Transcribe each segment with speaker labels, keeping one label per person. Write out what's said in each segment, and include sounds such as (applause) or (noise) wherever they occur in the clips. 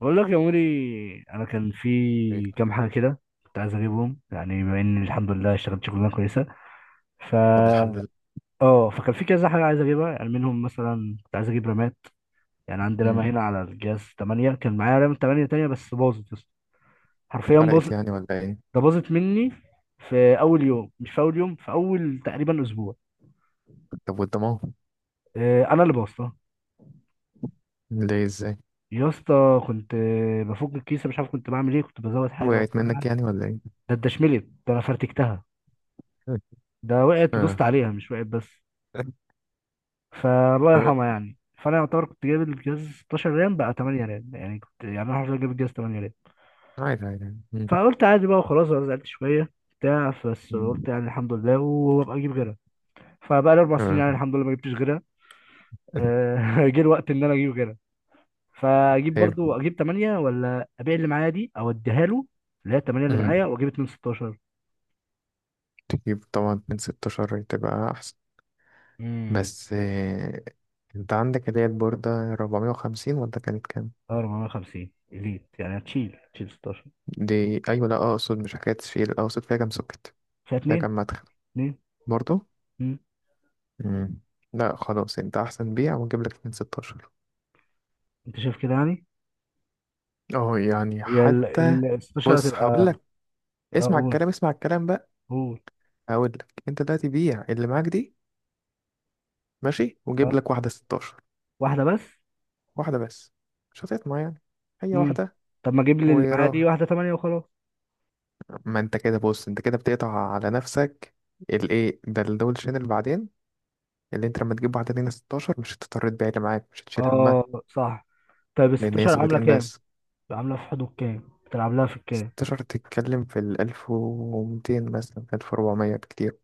Speaker 1: بقول لك يا عمري، انا كان
Speaker 2: إيه.
Speaker 1: في كام حاجه كده كنت عايز اجيبهم. يعني بما اني الحمد لله اشتغلت شغلانه كويسه. ف
Speaker 2: طب، الحمد لله.
Speaker 1: اه فكان في كذا حاجه عايز اجيبها، يعني منهم مثلا كنت عايز اجيب رامات. يعني عندي
Speaker 2: مم.
Speaker 1: رامه هنا على الجهاز 8، كان معايا رام 8 تانية بس باظت يا اسطى. حرفيا
Speaker 2: اتحرقت
Speaker 1: باظت.
Speaker 2: يعني ولا ايه؟
Speaker 1: ده باظت مني في اول يوم، مش في اول يوم في اول تقريبا اسبوع.
Speaker 2: طب والضمان؟
Speaker 1: انا اللي بوظتها.
Speaker 2: ليه؟ ازاي؟
Speaker 1: يا اسطى كنت، بفك الكيسه مش عارف كنت بعمل ايه، كنت بزود حاجه او
Speaker 2: وقعت
Speaker 1: بقى.
Speaker 2: منك يعني ولا ايه؟
Speaker 1: ده اتدشملت، ده انا فرتكتها.
Speaker 2: (laughs)
Speaker 1: ده وقعت ودوست
Speaker 2: اه.
Speaker 1: عليها مش وقعت بس. فالله
Speaker 2: اه.
Speaker 1: يرحمها يعني. فانا يعتبر كنت جايب الجهاز 16 رام، بقى 8 رام، يعني كنت، يعني انا حرفيا جايب الجهاز 8 رام.
Speaker 2: عادي، عادي. مم.
Speaker 1: فقلت عادي بقى وخلاص، انا زعلت شويه بتاع، بس
Speaker 2: مم.
Speaker 1: قلت يعني الحمد لله وابقى اجيب غيرها. فبقى لي اربع سنين
Speaker 2: اه.
Speaker 1: يعني الحمد لله ما جبتش غيرها. (laughs) جه الوقت ان انا اجيب غيرها. فاجيب، برضو
Speaker 2: حلو.
Speaker 1: اجيب 8 ولا ابيع اللي معايا دي او اديها له اللي هي 8 اللي
Speaker 2: مم.
Speaker 1: معايا واجيب 2 16.
Speaker 2: تجيب طبعا من 16 تبقى احسن.
Speaker 1: امم.
Speaker 2: بس انت عندك اللي هي البوردة 450 ولا كانت كام؟
Speaker 1: اه 450 اليت، يعني هتشيل 16.
Speaker 2: دي ايوه، لا اقصد مش حكاية تشيل، اقصد فيها كام سوكت؟
Speaker 1: فيها
Speaker 2: فيها
Speaker 1: اتنين.
Speaker 2: كام مدخل؟
Speaker 1: اتنين.
Speaker 2: برضو.
Speaker 1: مم.
Speaker 2: مم. لا خلاص، انت احسن بيع واجيب لك من 16.
Speaker 1: انت شايف كده يعني.
Speaker 2: اه، يعني
Speaker 1: هي ال
Speaker 2: حتى
Speaker 1: ال 16
Speaker 2: بص هقول
Speaker 1: هتبقى.
Speaker 2: لك. اسمع
Speaker 1: اقول.
Speaker 2: الكلام، اسمع الكلام بقى.
Speaker 1: قول.
Speaker 2: هقول لك انت دلوقتي بيع اللي معاك دي، ماشي، وجيب
Speaker 1: اه.
Speaker 2: لك واحده 16.
Speaker 1: واحده بس.
Speaker 2: واحده بس. مش هتطمع يعني، هي
Speaker 1: امم.
Speaker 2: واحده.
Speaker 1: طب ما اجيب لي اللي معايا دي
Speaker 2: ويراها،
Speaker 1: واحده 8 وخلاص.
Speaker 2: ما انت كده بص، انت كده بتقطع على نفسك. الايه ده الدولشين اللي بعدين، اللي انت لما تجيب واحده لينا 16 مش هتضطر تبيع اللي معاك، مش هتشيل همها.
Speaker 1: اه صح. طيب ال
Speaker 2: لان هي
Speaker 1: 16 عامله
Speaker 2: سويتين
Speaker 1: كام؟
Speaker 2: بس.
Speaker 1: عامله في حدود كام؟ بتلعب لها في الكام؟
Speaker 2: 16 تتكلم في ال 1200 مثلا، 1400 بكتير.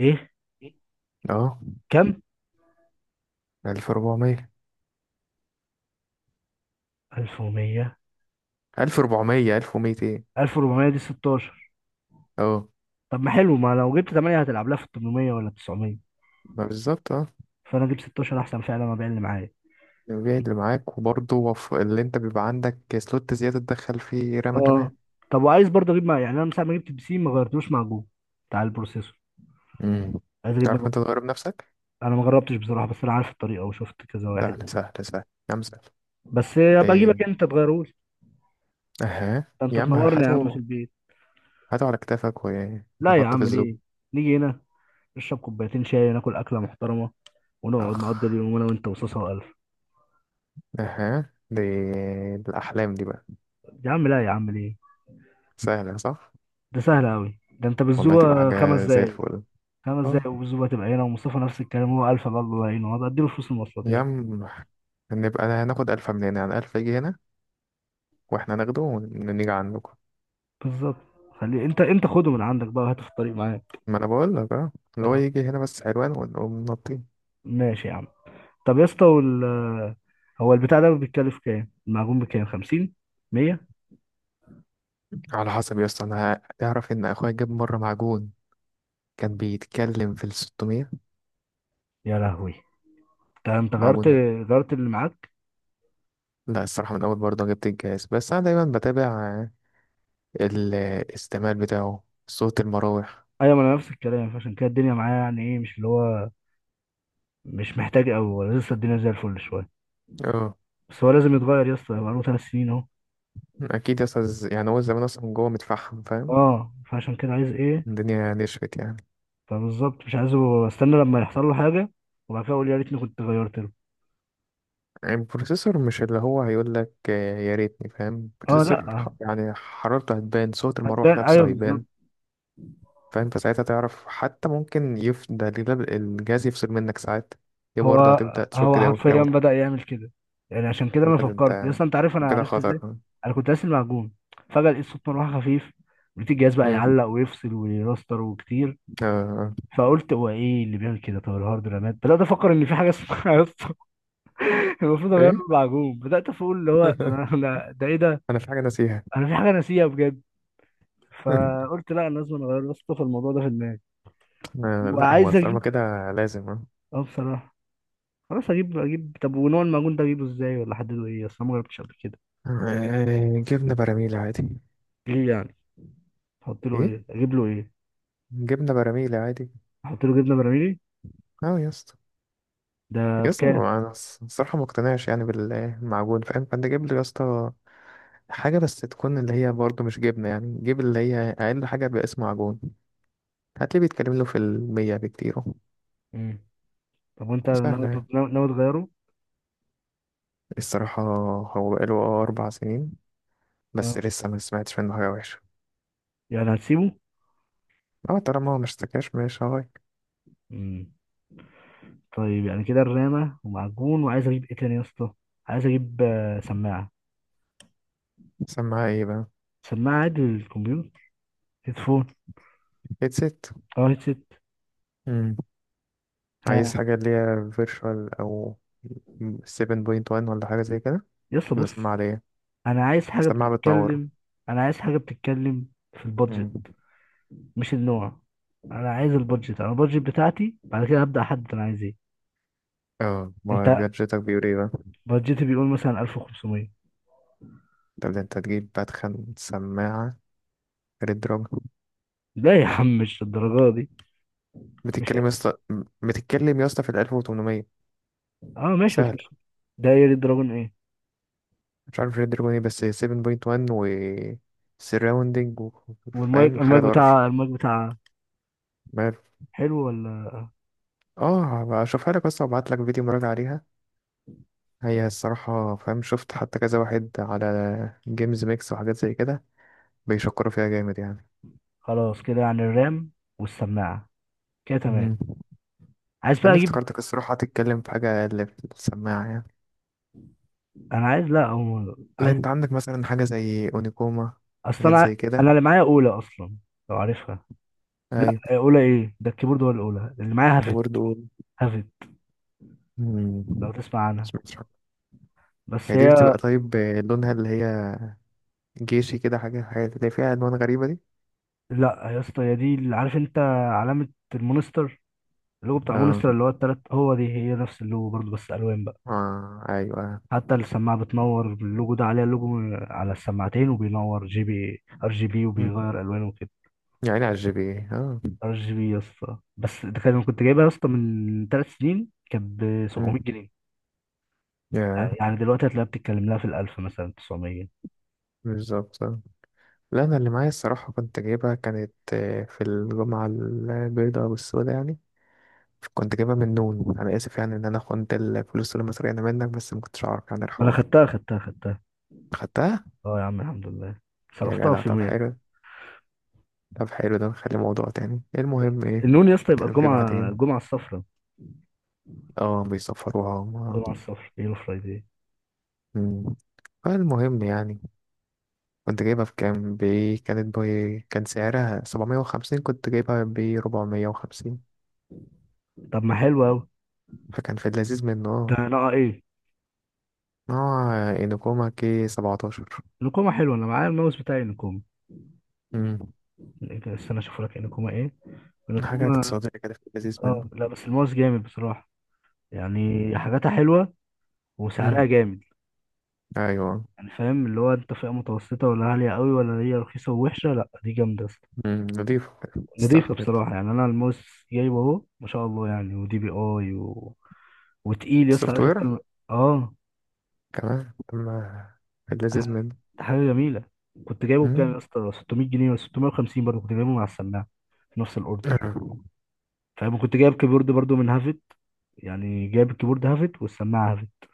Speaker 1: ايه،
Speaker 2: اه.
Speaker 1: كام؟
Speaker 2: 1400.
Speaker 1: 1100؟
Speaker 2: 1400 1200.
Speaker 1: 1400 دي 16؟
Speaker 2: اه،
Speaker 1: طب ما حلو، ما لو جبت 8 هتلعب لها في 800 ولا 900.
Speaker 2: ما بالظبط أه.
Speaker 1: فانا اجيب 16 احسن فعلا ما ابيع اللي معايا.
Speaker 2: جاهد اللي معاك، وبرضه اللي انت بيبقى عندك سلوت زيادة تدخل فيه رامة
Speaker 1: اه
Speaker 2: كمان.
Speaker 1: طب وعايز برضه اجيب، مع يعني انا من ساعه ما جبت البي سي ما غيرتوش مع جوجل بتاع البروسيسور.
Speaker 2: امم.
Speaker 1: عايز اجيب.
Speaker 2: تعرف انت تغير بنفسك؟
Speaker 1: انا ما جربتش بصراحه بس انا عارف الطريقه وشفت كذا واحد
Speaker 2: سهل،
Speaker 1: يعني.
Speaker 2: سهل، سهل. يا عم سهل.
Speaker 1: بس ابقى
Speaker 2: ايه.
Speaker 1: اجيبك انت تغيرهولي.
Speaker 2: اها
Speaker 1: ده انت
Speaker 2: يا عم
Speaker 1: تنورني يا عم في
Speaker 2: هاته.
Speaker 1: البيت.
Speaker 2: هاته على كتافك
Speaker 1: لا يا
Speaker 2: ونحطه في
Speaker 1: عم
Speaker 2: الزوم.
Speaker 1: ليه، نيجي هنا نشرب كوبايتين شاي وناكل اكله محترمه ونقعد
Speaker 2: اخ.
Speaker 1: نقضي اليوم انا وانت وصوصه والف.
Speaker 2: اها دي. الأحلام دي بقى.
Speaker 1: يا عم لا يا عم ليه.
Speaker 2: سهلة صح؟
Speaker 1: ده سهل قوي، ده انت
Speaker 2: والله تبقى
Speaker 1: بالزوبه خمس
Speaker 2: حاجة زي
Speaker 1: دقايق.
Speaker 2: الفل.
Speaker 1: خمس دقايق
Speaker 2: اه
Speaker 1: والزوبه تبقى هنا، ومصطفى نفس الكلام، هو الف بقى الله يعينه هبقى اديله فلوس المواصلات
Speaker 2: يا
Speaker 1: يعني.
Speaker 2: عم. نبقى هناخد ألفة من هنا، يعني ألف يجي هنا واحنا ناخده ونيجي عندكم.
Speaker 1: بالظبط. خليه، انت خده من عندك بقى وهاته في الطريق معاك.
Speaker 2: ما انا بقول لك اه اللي هو
Speaker 1: اه
Speaker 2: يجي هنا بس حلوان ونقوم نطين.
Speaker 1: ماشي يا عم. طب يا اسطى وال... هو البتاع ده بيتكلف كام؟ المعجون بكام؟ 50؟ 100؟
Speaker 2: على حسب يا اسطى، انا تعرف ان اخويا جاب مره معجون كان بيتكلم في ال 600.
Speaker 1: يا لهوي. انت غيرت؟
Speaker 2: معجون.
Speaker 1: غيرت اللي معاك؟
Speaker 2: لا الصراحه من اول برضه جبت الجهاز، بس انا دايما بتابع الاستعمال بتاعه، صوت المراوح.
Speaker 1: ايوه ما انا نفس الكلام، فعشان كده الدنيا معايا، يعني ايه، مش اللي هو مش محتاج قوي لسه، الدنيا زي الفل شويه.
Speaker 2: اه.
Speaker 1: بس هو لازم يتغير يا اسطى، بقاله ثلاث سنين اهو.
Speaker 2: اكيد يا اسطى، يعني هو زمان اصلا جوه متفحم، فاهم.
Speaker 1: اه فعشان كده عايز ايه،
Speaker 2: الدنيا نشفت يعني.
Speaker 1: فبالظبط مش عايزه استنى لما يحصل له حاجه وبعد كده اقول يا ريتني كنت غيرت له.
Speaker 2: يعني البروسيسور مش اللي هو هيقول لك يا ريتني، فاهم.
Speaker 1: اه لا
Speaker 2: البروسيسور يعني حرارته هتبان، صوت المراوح
Speaker 1: هتبان،
Speaker 2: نفسه
Speaker 1: ايوه بالظبط.
Speaker 2: هيبان. فاهم، فساعتها تعرف، حتى ممكن ده الجهاز يفصل منك ساعات. دي
Speaker 1: هو
Speaker 2: برضه هتبدأ
Speaker 1: هو
Speaker 2: تشك داون في
Speaker 1: حرفيا
Speaker 2: أول حاجة،
Speaker 1: بدأ يعمل كده، يعني عشان كده
Speaker 2: كده
Speaker 1: انا
Speaker 2: وتقول يا
Speaker 1: فكرت يا
Speaker 2: ولد
Speaker 1: اسطى، انت عارف انا
Speaker 2: انت كده
Speaker 1: عرفت ازاي؟
Speaker 2: خطر.
Speaker 1: انا كنت قاسي المعجون، فجأة لقيت صوت مروحة خفيف، لقيت الجهاز بقى
Speaker 2: مم.
Speaker 1: يعلق ويفصل ويراستر وكتير.
Speaker 2: آه.
Speaker 1: فقلت هو ايه اللي بيعمل كده؟ طب الهارد؟ رامات؟ بدأت افكر ان في حاجة اسمها يا اسطى (laughs) المفروض اغير له
Speaker 2: ايه.
Speaker 1: المعجون. بدأت اقول اللي هو انا
Speaker 2: (laughs)
Speaker 1: ده ايه ده،
Speaker 2: انا في حاجة ناسيها.
Speaker 1: انا في حاجة ناسيها بجد.
Speaker 2: (laughs)
Speaker 1: فقلت لا انا لازم اغير يا اسطى، في الموضوع ده في دماغي.
Speaker 2: آه. لا هو
Speaker 1: وعايز
Speaker 2: طالما
Speaker 1: اجيب،
Speaker 2: كده لازم اه.
Speaker 1: اه بصراحة. خلاص اجيب، اجيب. طب ونوع المعجون ده اجيبه ازاي؟ ولا احدده ايه، اصل أنا ما جربتش قبل كده.
Speaker 2: جبنة براميل عادي.
Speaker 1: ليه يعني؟ احط له
Speaker 2: ايه.
Speaker 1: ايه؟ اجيب له ايه؟
Speaker 2: جبنة براميل عادي.
Speaker 1: احط له جبنه براميلي.
Speaker 2: اه يا اسطى.
Speaker 1: ده
Speaker 2: يا اسطى،
Speaker 1: بكام؟
Speaker 2: انا الصراحة ما اقتنعش يعني بالمعجون، فاهم. فانت جيب لي يا اسطى حاجة بس تكون اللي هي برضه مش جبنة، يعني جيب اللي هي اقل حاجة باسم معجون، هتلاقيه بيتكلم له في المية بكتير أهو.
Speaker 1: امم. طب وانت ناوي
Speaker 2: سهلة يعني.
Speaker 1: تط- ناوي ناوي تغيره؟
Speaker 2: الصراحة هو بقاله اه أربع سنين، بس
Speaker 1: اه
Speaker 2: لسه ما سمعتش منه حاجة وحشة.
Speaker 1: يعني هتسيبه.
Speaker 2: أه، طالما هو ما اشتكاش مش هغير.
Speaker 1: امم. طيب يعني كده الرامه ومعجون، وعايز اجيب ايه تاني يا اسطى؟ عايز اجيب سماعه.
Speaker 2: سماعة ايه بقى؟
Speaker 1: سماعه عادي للكمبيوتر، هيدفون.
Speaker 2: هيدسيت.
Speaker 1: اه هيدسيت.
Speaker 2: مم. عايز
Speaker 1: ها.
Speaker 2: حاجة اللي هي فيرشوال، أو 7.1 ولا حاجة زي كده؟
Speaker 1: يا اسطى
Speaker 2: ولا
Speaker 1: بص،
Speaker 2: سماعة ليه؟
Speaker 1: انا عايز حاجه
Speaker 2: سماعة بتنور.
Speaker 1: بتتكلم، انا عايز حاجه بتتكلم في البادجت
Speaker 2: مم.
Speaker 1: مش النوع. انا عايز البادجت، انا البادجت بتاعتي بعد كده هبدا احدد انا عايز ايه.
Speaker 2: اه،
Speaker 1: انت
Speaker 2: ما بيرجيتك بيقول ايه بقى؟
Speaker 1: بادجتي بيقول مثلا 1500.
Speaker 2: طب ده انت تجيب بدخن سماعة ريد دروج.
Speaker 1: لا يا عم مش الدرجة دي. مش
Speaker 2: بتتكلم يا اسطى. بتتكلم يا اسطى في ال 1800.
Speaker 1: اه ماشي بس
Speaker 2: سهل.
Speaker 1: مش. ده ايه دراجون ايه؟
Speaker 2: مش عارف ريد دراجون ايه، بس 7.1 و سراوندينج و...
Speaker 1: والمايك،
Speaker 2: فاهم حاجة
Speaker 1: المايك
Speaker 2: طرش.
Speaker 1: بتاع، المايك بتاع.
Speaker 2: مال.
Speaker 1: حلو ولا؟
Speaker 2: اه هبقى اشوفها لك بس، وابعت لك فيديو مراجعة عليها. هي الصراحة، فاهم، شفت حتى كذا واحد على جيمز ميكس وحاجات زي كده بيشكروا فيها جامد يعني.
Speaker 1: خلاص كده يعني، الرام والسماعة كده
Speaker 2: مم.
Speaker 1: تمام. عايز بقى
Speaker 2: انا
Speaker 1: اجيب.
Speaker 2: افتكرتك الصراحة هتتكلم في حاجة اللي في السماعة يعني.
Speaker 1: انا عايز لا أو...
Speaker 2: لا،
Speaker 1: عايز.
Speaker 2: انت عندك مثلا حاجة زي اونيكوما.
Speaker 1: اصل
Speaker 2: حاجات زي
Speaker 1: انا
Speaker 2: كده.
Speaker 1: اللي معايا اولى اصلا، لو عارفها. لا
Speaker 2: ايوه.
Speaker 1: اولى ايه؟ ده الكيبورد ولا؟ الاولى اللي معايا هافت.
Speaker 2: كيبورد و.
Speaker 1: هافت.
Speaker 2: مم.
Speaker 1: لو تسمع عنها.
Speaker 2: سمعتش عنها.
Speaker 1: بس
Speaker 2: هي دي
Speaker 1: هي.
Speaker 2: بتبقى طيب لونها اللي هي جيشي كده، حاجة اللي فيها عنوان غريبة دي.
Speaker 1: لا يا اسطى هي دي اللي عارف انت، علامة المونستر، اللوجو بتاع
Speaker 2: اه،
Speaker 1: مونستر اللي هو التلات، هو دي هي نفس اللوجو برضه بس الوان بقى.
Speaker 2: اه، ايوه.
Speaker 1: حتى السماعة بتنور، اللوجو ده عليها لوجو على السماعتين، وبينور جي بي ار جي بي،
Speaker 2: مم.
Speaker 1: وبيغير الوانه وكده.
Speaker 2: يعني على الجي بي إيه. اه.
Speaker 1: ار جي بي يا اسطى. بس ده كان، كنت جايبها يا اسطى من ثلاث سنين كانت ب
Speaker 2: مم.
Speaker 1: 700 جنيه.
Speaker 2: يا
Speaker 1: يعني دلوقتي هتلاقيها بتتكلم لها في الألف، مثلا 900.
Speaker 2: بالظبط آه. لا انا اللي معايا الصراحة كنت جايبها، كانت في الجمعة البيضاء والسوداء يعني، كنت جايبها من نون. انا اسف يعني ان انا خنت الفلوس اللي مسرقينها منك، بس ما كنتش اعرف عن
Speaker 1: ما انا
Speaker 2: الحوار.
Speaker 1: خدتها، خدتها، خدتها.
Speaker 2: خدتها.
Speaker 1: اه يا عم الحمد لله،
Speaker 2: يا
Speaker 1: صرفتها
Speaker 2: جدع
Speaker 1: في
Speaker 2: طب
Speaker 1: يومين.
Speaker 2: حلو. طب حلو، ده نخلي موضوع تاني المهم، ايه
Speaker 1: النون يا اسطى، يبقى
Speaker 2: نتكلم فيه
Speaker 1: الجمعة،
Speaker 2: بعدين.
Speaker 1: الجمعة الصفراء.
Speaker 2: اه بيسفروها هم. اه.
Speaker 1: الجمعة الصفراء، يلو فرايداي.
Speaker 2: مم. فالمهم يعني كنت جايبها بكام ب، كانت ب، كان سعرها 750، كنت جايبها ب 450.
Speaker 1: طب ما حلو قوي،
Speaker 2: فكان في اللذيذ منه
Speaker 1: ده
Speaker 2: اه،
Speaker 1: انا آه ايه،
Speaker 2: نوع انوكوما كي 17.
Speaker 1: نكومة حلوه. انا معايا الماوس بتاعي نكومة.
Speaker 2: امم.
Speaker 1: استنى اشوف لك نكومة ايه.
Speaker 2: حاجة
Speaker 1: نكومة.
Speaker 2: اقتصادية كده في اللذيذ
Speaker 1: اه
Speaker 2: منه.
Speaker 1: لا، بس الماوس جامد بصراحة. يعني حاجاتها حلوة
Speaker 2: امم.
Speaker 1: وسعرها جامد.
Speaker 2: ايوه.
Speaker 1: يعني فاهم اللي هو، انت فئة متوسطة ولا عالية قوي ولا هي رخيصة ووحشة؟ لا دي جامدة يا اسطى.
Speaker 2: نضيف.
Speaker 1: نضيفة
Speaker 2: استحمل.
Speaker 1: بصراحة. يعني انا الماوس جايبه اهو ما شاء الله يعني، ودي بي اي و... وتقيل يا اسطى،
Speaker 2: السوفت
Speaker 1: عارف
Speaker 2: وير
Speaker 1: انت اه.
Speaker 2: كمان اما في
Speaker 1: ده
Speaker 2: اللذيذ
Speaker 1: حاجة،
Speaker 2: منه.
Speaker 1: ده حاجة جميلة. كنت جايبه بكام يا
Speaker 2: امم.
Speaker 1: اسطى؟ 600 جنيه ولا 650؟ برضه كنت جايبه مع السماعة في نفس الاوردر. فاهم كنت جايب كيبورد برضه من هافت، يعني جايب الكيبورد هافت والسماعة هافت.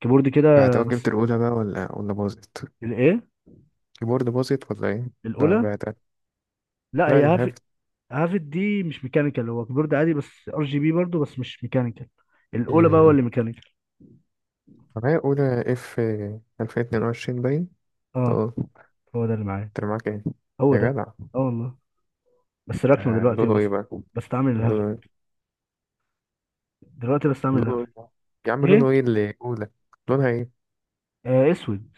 Speaker 1: كيبورد كده
Speaker 2: بعتها (clears throat)
Speaker 1: بس.
Speaker 2: جبت الأولى بقى، ولا باظت.
Speaker 1: الايه،
Speaker 2: الكيبورد باظت ولا ايه؟ لا
Speaker 1: الأولى.
Speaker 2: بعتها.
Speaker 1: لا
Speaker 2: لا
Speaker 1: هي هافت.
Speaker 2: الهبت.
Speaker 1: هافت دي مش ميكانيكال، هو كيبورد عادي بس ار جي بي برضه بس مش ميكانيكال. الاولى بقى هو
Speaker 2: مم.
Speaker 1: اللي ميكانيكال.
Speaker 2: معايا أولى اف 2022 باين.
Speaker 1: اه
Speaker 2: اه.
Speaker 1: هو ده اللي معايا.
Speaker 2: انت معاك ايه؟
Speaker 1: هو
Speaker 2: يا
Speaker 1: ده.
Speaker 2: جدع.
Speaker 1: اه والله. بس راكنه
Speaker 2: ده
Speaker 1: دلوقتي
Speaker 2: لونه
Speaker 1: وبس،
Speaker 2: ايه بقى؟
Speaker 1: بستعمل
Speaker 2: لونه
Speaker 1: الهافت.
Speaker 2: ايه؟
Speaker 1: دلوقتي بستعمل
Speaker 2: لونه
Speaker 1: الهافت.
Speaker 2: ايه؟ يا عم لونه
Speaker 1: ايه.
Speaker 2: ايه اللي اولى؟ لونها ايه؟
Speaker 1: آه اسود.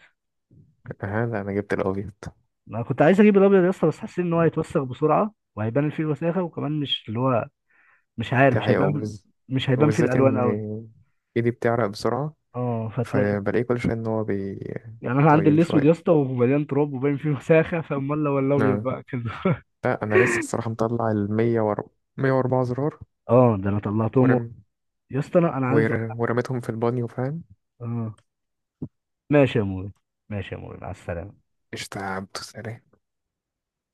Speaker 2: ها لا انا جبت الابيض.
Speaker 1: انا كنت عايز اجيب الابيض يا اسطى بس حسيت ان هو هيتوسخ بسرعه وهيبان فيه الوساخه، وكمان مش اللي هو مش عارف،
Speaker 2: دي
Speaker 1: مش
Speaker 2: حقيقة
Speaker 1: هيبان.
Speaker 2: وبز...
Speaker 1: مش هيبان فيه
Speaker 2: وبالذات
Speaker 1: الالوان
Speaker 2: ان
Speaker 1: قوي.
Speaker 2: ايدي بتعرق بسرعة،
Speaker 1: اه فتلاقي،
Speaker 2: فبلاقيه كل شوية ان هو
Speaker 1: يعني انا عندي
Speaker 2: بيطين
Speaker 1: الاسود يا
Speaker 2: شوية.
Speaker 1: اسطى ومليان تراب وباين فيه وساخه، فامال لو الابيض
Speaker 2: آه.
Speaker 1: بقى كده.
Speaker 2: لا انا لسه الصراحة مطلع ال 104. 104 زرار.
Speaker 1: اه ده انا طلعتهم.
Speaker 2: ورم.
Speaker 1: يا اسطى انا، انا عايز
Speaker 2: ورميتهم في البانيو، فاهم.
Speaker 1: اه ماشي يا موري، ماشي يا موري مع السلامه.
Speaker 2: قشطة يا عبدو، سلام.